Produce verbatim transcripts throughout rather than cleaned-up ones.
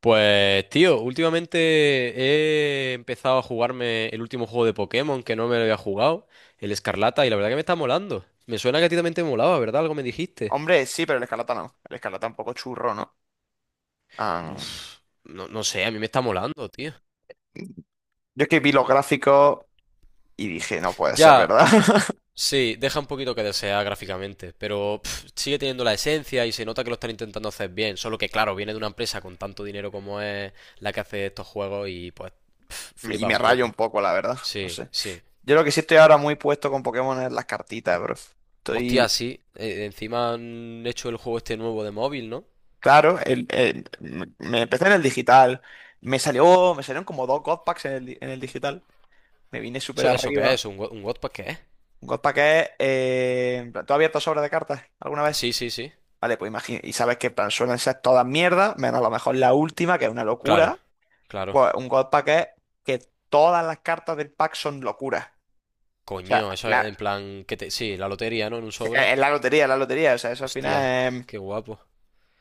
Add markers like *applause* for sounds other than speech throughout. Pues tío, últimamente he empezado a jugarme el último juego de Pokémon que no me lo había jugado, el Escarlata, y la verdad que me está molando. Me suena que a ti también te molaba, ¿verdad? Algo me dijiste. Hombre, sí, pero el Escarlata no. El Escarlata un poco churro, ¿no? Ah, Uf, no, no sé, a mí me está molando, tío. yo es que vi los gráficos y dije, no puede ser, Ya, ¿verdad? *laughs* sí, deja un poquito que desear gráficamente, pero pf, sigue teniendo la esencia y se nota que lo están intentando hacer bien, solo que claro, viene de una empresa con tanto dinero como es la que hace estos juegos y pues pf, Y flipa me un rayo un poco. poco, la verdad. No Sí, sé. sí. Yo lo que sí estoy ahora muy puesto con Pokémon es las cartitas, bro. Hostia, Estoy. sí. Eh, encima han hecho el juego este nuevo de móvil, ¿no? Claro, el- el- me me empecé en el digital. Me salió. Me salieron como dos God Packs en el, di- en el digital. Me vine súper ¿Eso, eso qué es? arriba. ¿Un, go- un Wattpad qué es? Un God Pack es. Eh, en plan, ¿tú has abierto sobre de cartas alguna vez? Sí, sí, sí. Vale, pues imagina, y sabes que en plan, suelen ser todas mierdas, menos a lo mejor la última, que es una Claro, locura. claro. Pues un God Pack es que todas las cartas del pack son locuras. O Coño, sea, eso es la, en plan que te... Sí, la lotería, ¿no? En un sí, es sobre. es la lotería, la lotería. O sea, eso al final Hostia, es, qué guapo.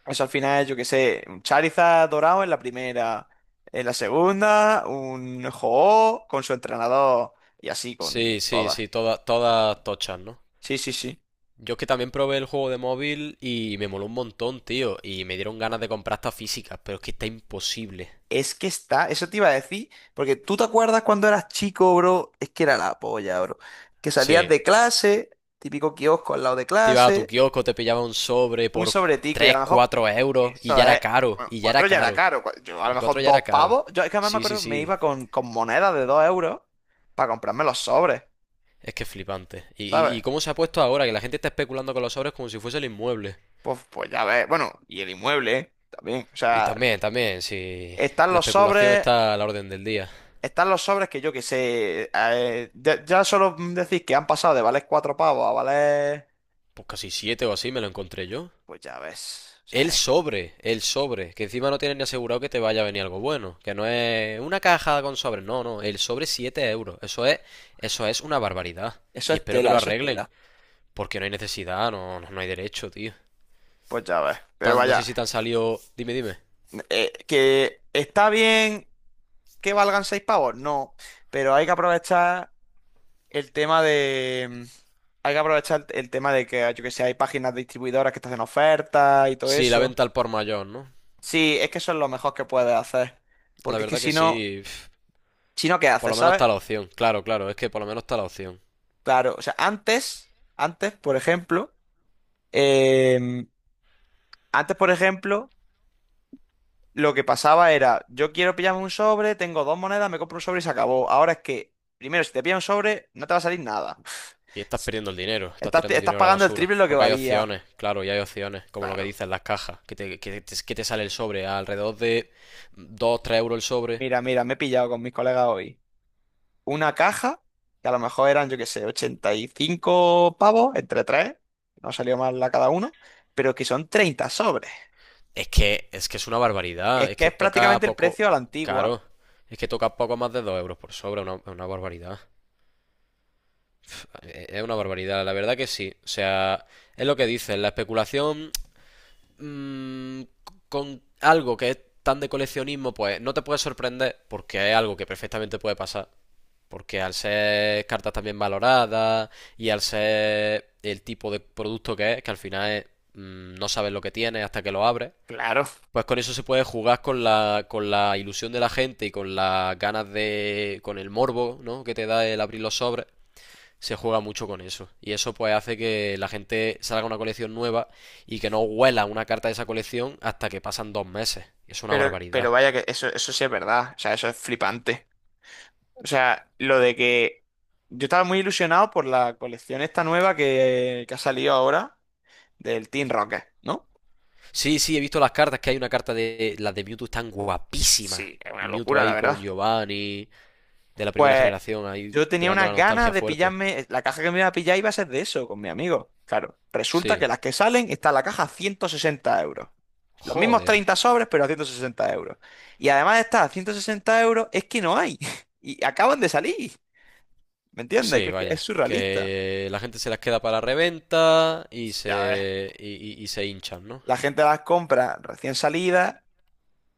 eso al final es, yo qué sé, un Charizard dorado en la primera, en la segunda, un ho con su entrenador y así con Sí, sí, todas. sí, todas, todas tochas, ¿no? Sí, sí, sí. Yo es que también probé el juego de móvil y me moló un montón, tío. Y me dieron ganas de comprar estas físicas, pero es que está imposible. Es que está, eso te iba a decir, porque tú te acuerdas cuando eras chico, bro, es que era la polla, bro. Que salías Sí. de clase, típico kiosco al lado de Te ibas a tu clase, kiosco, te pillaba un sobre un por sobretico y a tres, lo mejor, cuatro euros y eso ya era es, caro, bueno, y ya era cuatro ya era caro. caro, cua- yo a lo Y cuatro mejor ya era dos caro. pavos, yo es que además me Sí, sí, acuerdo, me sí. iba con, con monedas de dos euros para comprarme los sobres, Es que es flipante. Y, y, y ¿sabes? cómo se ha puesto ahora, que la gente está especulando con los sobres como si fuese el inmueble. Pues, pues ya ves, bueno, y el inmueble, ¿eh? También, o Y sea, también, también, si están la los especulación sobres. está a la orden del día. Están los sobres que yo que sé. Eh, ya, ya solo decís que han pasado de valer cuatro pavos a valer. Pues casi siete o así me lo encontré yo. Pues ya ves. O sea, El es- sobre, el sobre, que encima no tienes ni asegurado que te vaya a venir algo bueno, que no es una caja con sobres, no, no, el sobre siete euros, eso es, eso es una barbaridad. eso Y es espero que tela, lo eso es arreglen, tela. porque no hay necesidad, no, no, no hay derecho, tío. Pues ya ves. Pero Tan- no sé vaya, si te han salido, dime, dime. eh, que está bien que valgan seis pavos, no. Pero hay que aprovechar el tema de. Hay que aprovechar el, el tema de que, yo que sé, hay páginas distribuidoras que te hacen ofertas y todo Sí, la eso. venta al por mayor, ¿no? Sí, es que eso es lo mejor que puedes hacer. La Porque es que verdad que si no, sí. Pf, si no, ¿qué por haces, lo menos sabes? está la opción. Claro, claro, es que por lo menos está la opción. Claro, o sea, antes, antes, por ejemplo, em, antes, por ejemplo, lo que pasaba era, yo quiero pillarme un sobre, tengo dos monedas, me compro un sobre y se acabó. Ahora es que, primero, si te pillas un sobre, no te va a salir nada. *laughs* Y estás perdiendo el dinero, estás Estás, tirando el estás dinero a la pagando el basura. triple lo que Porque hay valía. opciones, claro, y hay opciones, como lo que Claro. dicen las cajas, que te, que te- que te sale el sobre a alrededor de dos tres euros el sobre. Mira, mira, me he pillado con mis colegas hoy. Una caja, que a lo mejor eran, yo qué sé, ochenta y cinco pavos entre tres, no salió mal la cada uno, pero que son treinta sobres. Es que, es que es una barbaridad, Es es que que es toca prácticamente el poco. precio a la antigua. Claro, es que toca poco más de dos euros por sobre. Es una, una barbaridad. Eh, Es una barbaridad, la verdad que sí. O sea, es lo que dicen, la especulación mm, con algo que es tan de coleccionismo, pues no te puede sorprender porque es algo que perfectamente puede pasar. Porque al ser cartas también valoradas y al ser el tipo de producto que es, que al final es mm, no sabes lo que tienes hasta que lo abres, Claro. pues con eso se puede jugar con la, con la ilusión de la gente y con las ganas de, con el morbo, ¿no?, que te da el abrir los sobres, se juega mucho con eso. Y eso pues hace que la gente salga una colección nueva y que no huela una carta de esa colección hasta que pasan dos meses. Es una Pero, pero barbaridad. vaya que eso, eso sí es verdad, o sea, eso es flipante. O sea, lo de que yo estaba muy ilusionado por la colección esta nueva que, que ha salido ahora del Team Rocket, ¿no? Sí, sí, he visto las cartas, que hay una carta de... Las de Mewtwo están guapísimas. Sí, es una El Mewtwo locura, la ahí verdad. con Giovanni, de la primera Pues generación, ahí yo tenía pegando la unas nostalgia ganas de fuerte. pillarme, la caja que me iba a pillar iba a ser de eso, con mi amigo. Claro, resulta Sí. que las que salen está la caja a ciento sesenta euros. Los mismos Joder. treinta sobres, pero a ciento sesenta euros. Y además de estar a ciento sesenta euros, es que no hay. *laughs* Y acaban de salir. ¿Me entiendes? Sí, Que, que es vaya. surrealista. Que la gente se las queda para reventa y Ya ves. se... y, y- y se hinchan, ¿no? La gente las compra recién salidas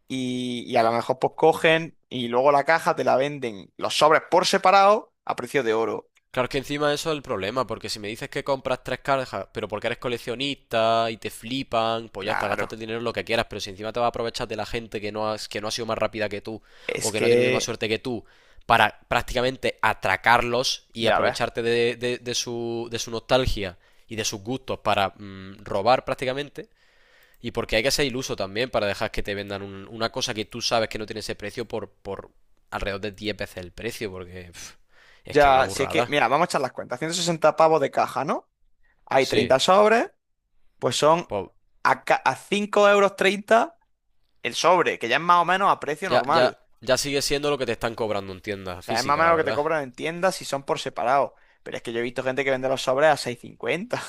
y, y a lo mejor pues cogen y luego la caja te la venden los sobres por separado a precio de oro. Claro que encima eso es el problema, porque si me dices que compras tres cajas, pero porque eres coleccionista y te flipan, pues ya está, gástate Claro. el dinero en lo que quieras, pero si encima te vas a aprovechar de la gente que no has- que no ha sido más rápida que tú Es o que no tiene la misma que, suerte que tú para prácticamente atracarlos y ya ves. aprovecharte de, de- de su, de su nostalgia y de sus gustos para mm, robar prácticamente, y porque hay que ser iluso también para dejar que te vendan un- una cosa que tú sabes que no tiene ese precio por, por alrededor de diez veces el precio, porque pf, es que es una Ya, si es que, burrada. mira, vamos a echar las cuentas. Ciento sesenta pavos de caja, ¿no? Hay Sí, treinta sobres, pues son pues a, ca- a cinco euros treinta el sobre, que ya es más o menos a precio ya, ya, normal. ya sigue siendo lo que te están cobrando en tienda O sea, es más o física, menos la lo que te verdad. cobran en tiendas si son por separado. Pero es que yo he visto gente que vende los sobres a seis cincuenta.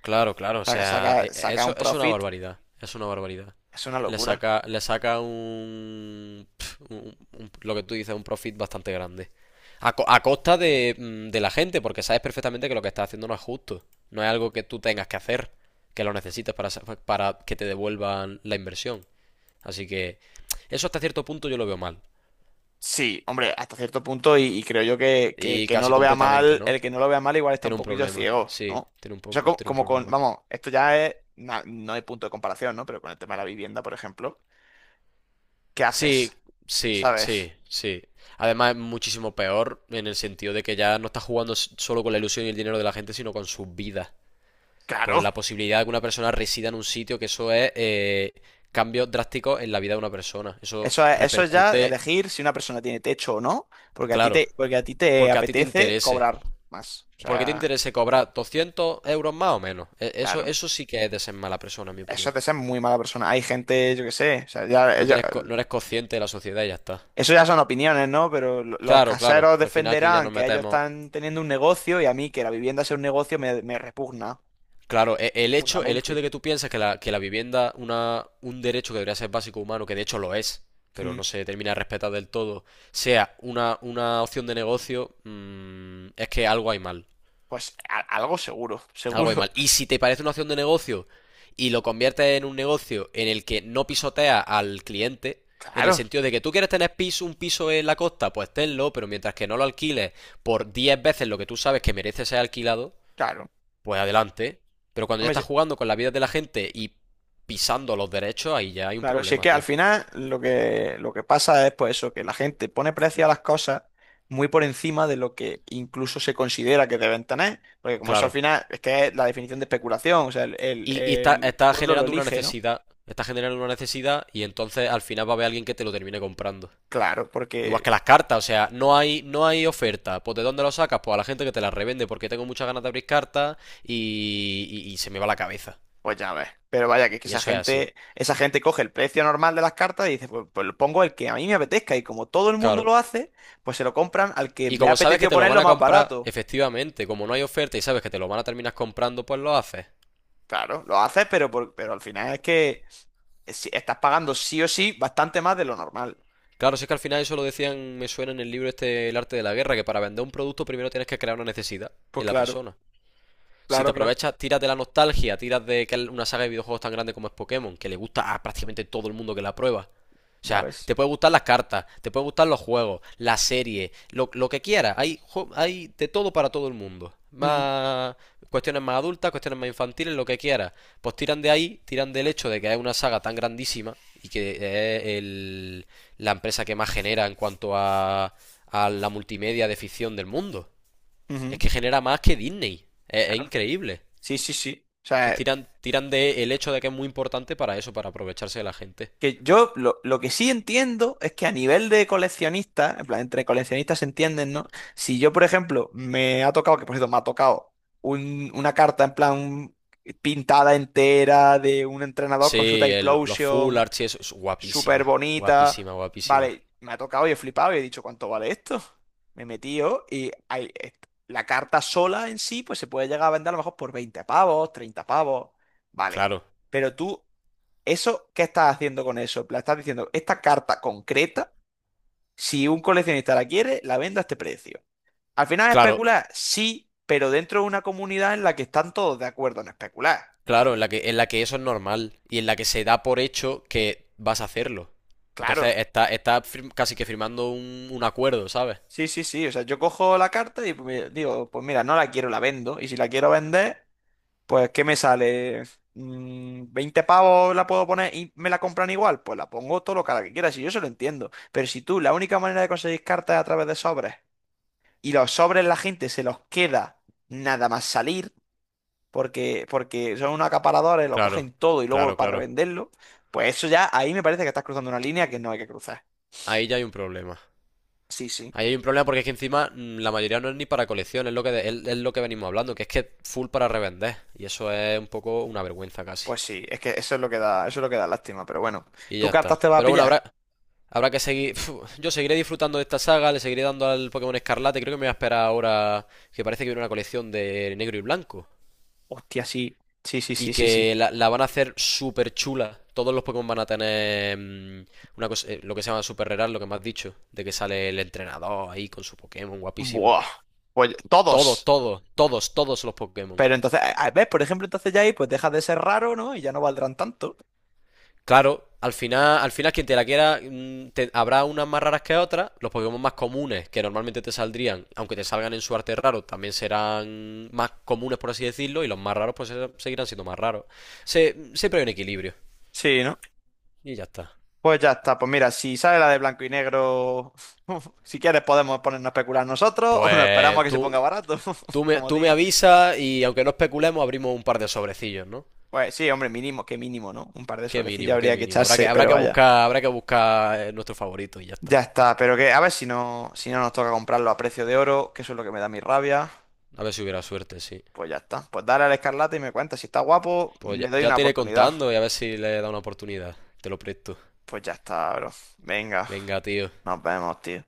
Claro, claro, o sa- Saca, sea, e- e- saca eso un es una profit, barbaridad, es una barbaridad. es una Le locura. saca, le saca un, pf, un- un- lo que tú dices, un profit bastante grande. A, co- a costa de, mm, de la gente, porque sabes perfectamente que lo que estás haciendo no es justo. No es algo que tú tengas que hacer, que lo necesites para, sa- para que te devuelvan la inversión. Así que eso hasta cierto punto yo lo veo mal. Sí, hombre, hasta cierto punto, y, y creo yo que, que el Y que no casi lo vea completamente, mal, ¿no? el que no lo vea mal igual está Tiene un un poquillo problema, ciego, sí, ¿no? tiene un, po- Eso como, tiene un como con, problema. vamos, esto ya es, na- no hay punto de comparación, ¿no? Pero con el tema de la vivienda, por ejemplo, ¿qué haces? Sí, sí, ¿Sabes? sí, sí. Además es muchísimo peor en el sentido de que ya no está jugando s- solo con la ilusión y el dinero de la gente, sino con sus vidas, con Claro. la posibilidad de que una persona resida en un sitio, que eso es eh, cambios drásticos en la vida de una persona. Eso Eso es, eso es ya repercute, elegir si una persona tiene techo o no, porque a ti claro, te, porque a ti te porque a ti te apetece interese. cobrar más. O Porque te sea, interese cobrar doscientos euros más o menos. E- Eso, claro. eso sí que es de ser mala persona, en mi Eso es opinión. de ser muy mala persona. Hay gente, yo qué sé, o sea, ya, No ya. tienes, co- no eres consciente de la sociedad y ya está. Eso ya son opiniones, ¿no? Pero lo- los Claro, claro. caseros Al final aquí ya defenderán nos que ellos metemos. están teniendo un negocio y a mí que la vivienda sea un negocio me, me repugna Claro, e- el hecho, el hecho profundamente. de que tú pienses que la, que la vivienda, una, un derecho que debería ser básico humano, que de hecho lo es, pero Mm, no se termina de respetar del todo, sea una, una opción de negocio, mm, es que algo hay mal. pues a- algo seguro, Algo hay mal. seguro. Y *laughs* si te parece una opción de negocio y lo conviertes en un negocio en el que no pisotea al cliente, en el Claro, sentido de que tú quieres tener piso, un piso en la costa, pues tenlo, pero mientras que no lo alquiles por diez veces lo que tú sabes que merece ser alquilado, claro. pues adelante. Pero cuando ya Hombre, estás se- jugando con la vida de la gente y pisando los derechos, ahí ya hay un claro, si es problema, que al tío. final lo que, lo que pasa es pues eso, que la gente pone precio a las cosas muy por encima de lo que incluso se considera que deben tener. Porque como eso al Claro. final es que es la definición de especulación, o sea, el, el Y, y está, el está pueblo lo generando una elige, ¿no? necesidad. Está generando una necesidad y entonces al final va a haber alguien que te lo termine comprando. Claro, Igual que porque las cartas, o sea, no hay, no hay oferta. Pues ¿de dónde lo sacas? Pues a la gente que te las revende porque tengo muchas ganas de abrir cartas y, y- y se me va la cabeza. pues ya ves. Pero vaya, que es que Y esa eso es así. gente, esa gente coge el precio normal de las cartas y dice, pues, pues lo pongo el que a mí me apetezca. Y como todo el mundo Claro. lo hace, pues se lo compran al que Y le ha como sabes que apetecido te lo van ponerlo a más comprar, barato. efectivamente, como no hay oferta y sabes que te lo van a terminar comprando, pues lo haces. Claro, lo haces, pero, por- pero al final es que si- estás pagando sí o sí bastante más de lo normal. Claro, si es que al final eso lo decían, me suena en el libro este, El arte de la guerra, que para vender un producto primero tienes que crear una necesidad Pues en la claro, persona. Si te claro, claro. aprovechas, tiras de la nostalgia, tiras de que es una saga de videojuegos tan grande como es Pokémon, que le gusta a prácticamente todo el mundo que la prueba. O Ya sea, ves. te puede gustar las cartas, te puede gustar los juegos, la serie, lo, lo que quieras. Hay, hay de todo para todo el mundo. Mm, Más cuestiones más adultas, cuestiones más infantiles, lo que quieras. Pues tiran de ahí, tiran del hecho de que es una saga tan grandísima y que es el- la empresa que más genera en cuanto a, a la multimedia de ficción del mundo. Es ujú, que genera más que Disney. Es, es claro. increíble. Sí, sí, sí. O Entonces sea, tiran, tiran de el hecho de que es muy importante para eso, para aprovecharse de la gente. que yo lo, lo que sí entiendo es que a nivel de coleccionista, en plan, entre coleccionistas se entienden, ¿no? Si yo, por ejemplo, me ha tocado, que por cierto me ha tocado un- una carta en plan pintada entera de un entrenador con su Sí, el- los full Typlosion, archies, eso es súper guapísima, bonita, guapísima, guapísima. vale, me ha tocado y he flipado y he dicho, ¿cuánto vale esto? Me metí yo y hay, est- la carta sola en sí, pues se puede llegar a vender a lo mejor por veinte pavos, treinta pavos, vale. Claro, Pero tú, ¿eso qué estás haciendo con eso? En plan, estás diciendo, esta carta concreta, si un coleccionista la quiere, la vendo a este precio. Al final es claro, especular, sí, pero dentro de una comunidad en la que están todos de acuerdo en especular, claro, ¿no? en la que, en la que eso es normal y en la que se da por hecho que vas a hacerlo. Claro. Entonces está, está fir- casi que firmando un, un acuerdo, ¿sabes? Sí, sí, sí. O sea, yo cojo la carta y pues, me- digo, pues mira, no la quiero, la vendo. Y si la quiero vender, pues ¿qué me sale? Mm, veinte pavos la puedo poner y me la compran igual. Pues la pongo todo lo cara que quiera, si yo eso lo entiendo. Pero si tú, la única manera de conseguir cartas es a través de sobres y los sobres la gente se los queda nada más salir, porque, porque son unos acaparadores, lo Claro, cogen todo y luego claro, para claro. revenderlo, pues eso ya, ahí me parece que estás cruzando una línea que no hay que cruzar. Ahí ya hay un problema. Sí, sí, Ahí hay un problema porque es que encima mm, la mayoría no es ni para colección, es lo que, de- es es lo que venimos hablando, que es que full para revender. Y eso es un poco una vergüenza casi. pues sí, es que eso es lo que da, eso es lo que da lástima, pero bueno, Y ¿tú ya cartas está. te vas a Pero bueno, pillar? habrá, habrá que seguir. Uf, yo seguiré disfrutando de esta saga, le seguiré dando al Pokémon Escarlate. Creo que me voy a esperar ahora que parece que viene una colección de negro y blanco. Hostia, sí, sí, sí, Y sí, sí, sí. que la, la van a hacer súper chula. Todos los Pokémon van a tener mm, una cosa, eh, lo que se llama Super Rare, lo que me has dicho. De que sale el entrenador ahí con su Pokémon, guapísimo. Buah, pues Todos, todos. todos, todos, todos los Pokémon. Pero entonces, a- a- ¿ves? Por ejemplo, entonces ya ahí pues dejas de ser raro, ¿no? Y ya no valdrán tanto. Claro, al final, al final quien te la quiera, mm, te- habrá unas más raras que otras. Los Pokémon más comunes que normalmente te saldrían, aunque te salgan en su arte raro, también serán más comunes, por así decirlo, y los más raros pues seguirán siendo más raros. Se, siempre hay un equilibrio. Sí, ¿no? Y ya está. Pues ya está, pues mira, si sale la de blanco y negro, *laughs* si quieres podemos ponernos a especular nosotros o nos esperamos a Pues que se tú, ponga barato, tú *laughs* me, como tú me diga. avisas y aunque no especulemos, abrimos un par de sobrecillos, ¿no? Pues sí, hombre, mínimo, qué mínimo, ¿no? Un par de Qué sobrecillos mínimo, qué habría que mínimo. Habrá que, echarse, habrá pero que vaya. buscar, habrá que buscar eh, nuestro favorito y ya está. Ya está, pero que a ver si no, si no nos toca comprarlo a precio de oro, que eso es lo que me da mi rabia. A ver si hubiera suerte, sí. Pues ya está, pues dale al Escarlata y me cuenta, si está guapo, Pues ya, le doy ya una te iré oportunidad. contando y a ver si le he dado una oportunidad. Te lo presto. Pues ya está, bro. Venga, Venga, tío. nos vemos, tío.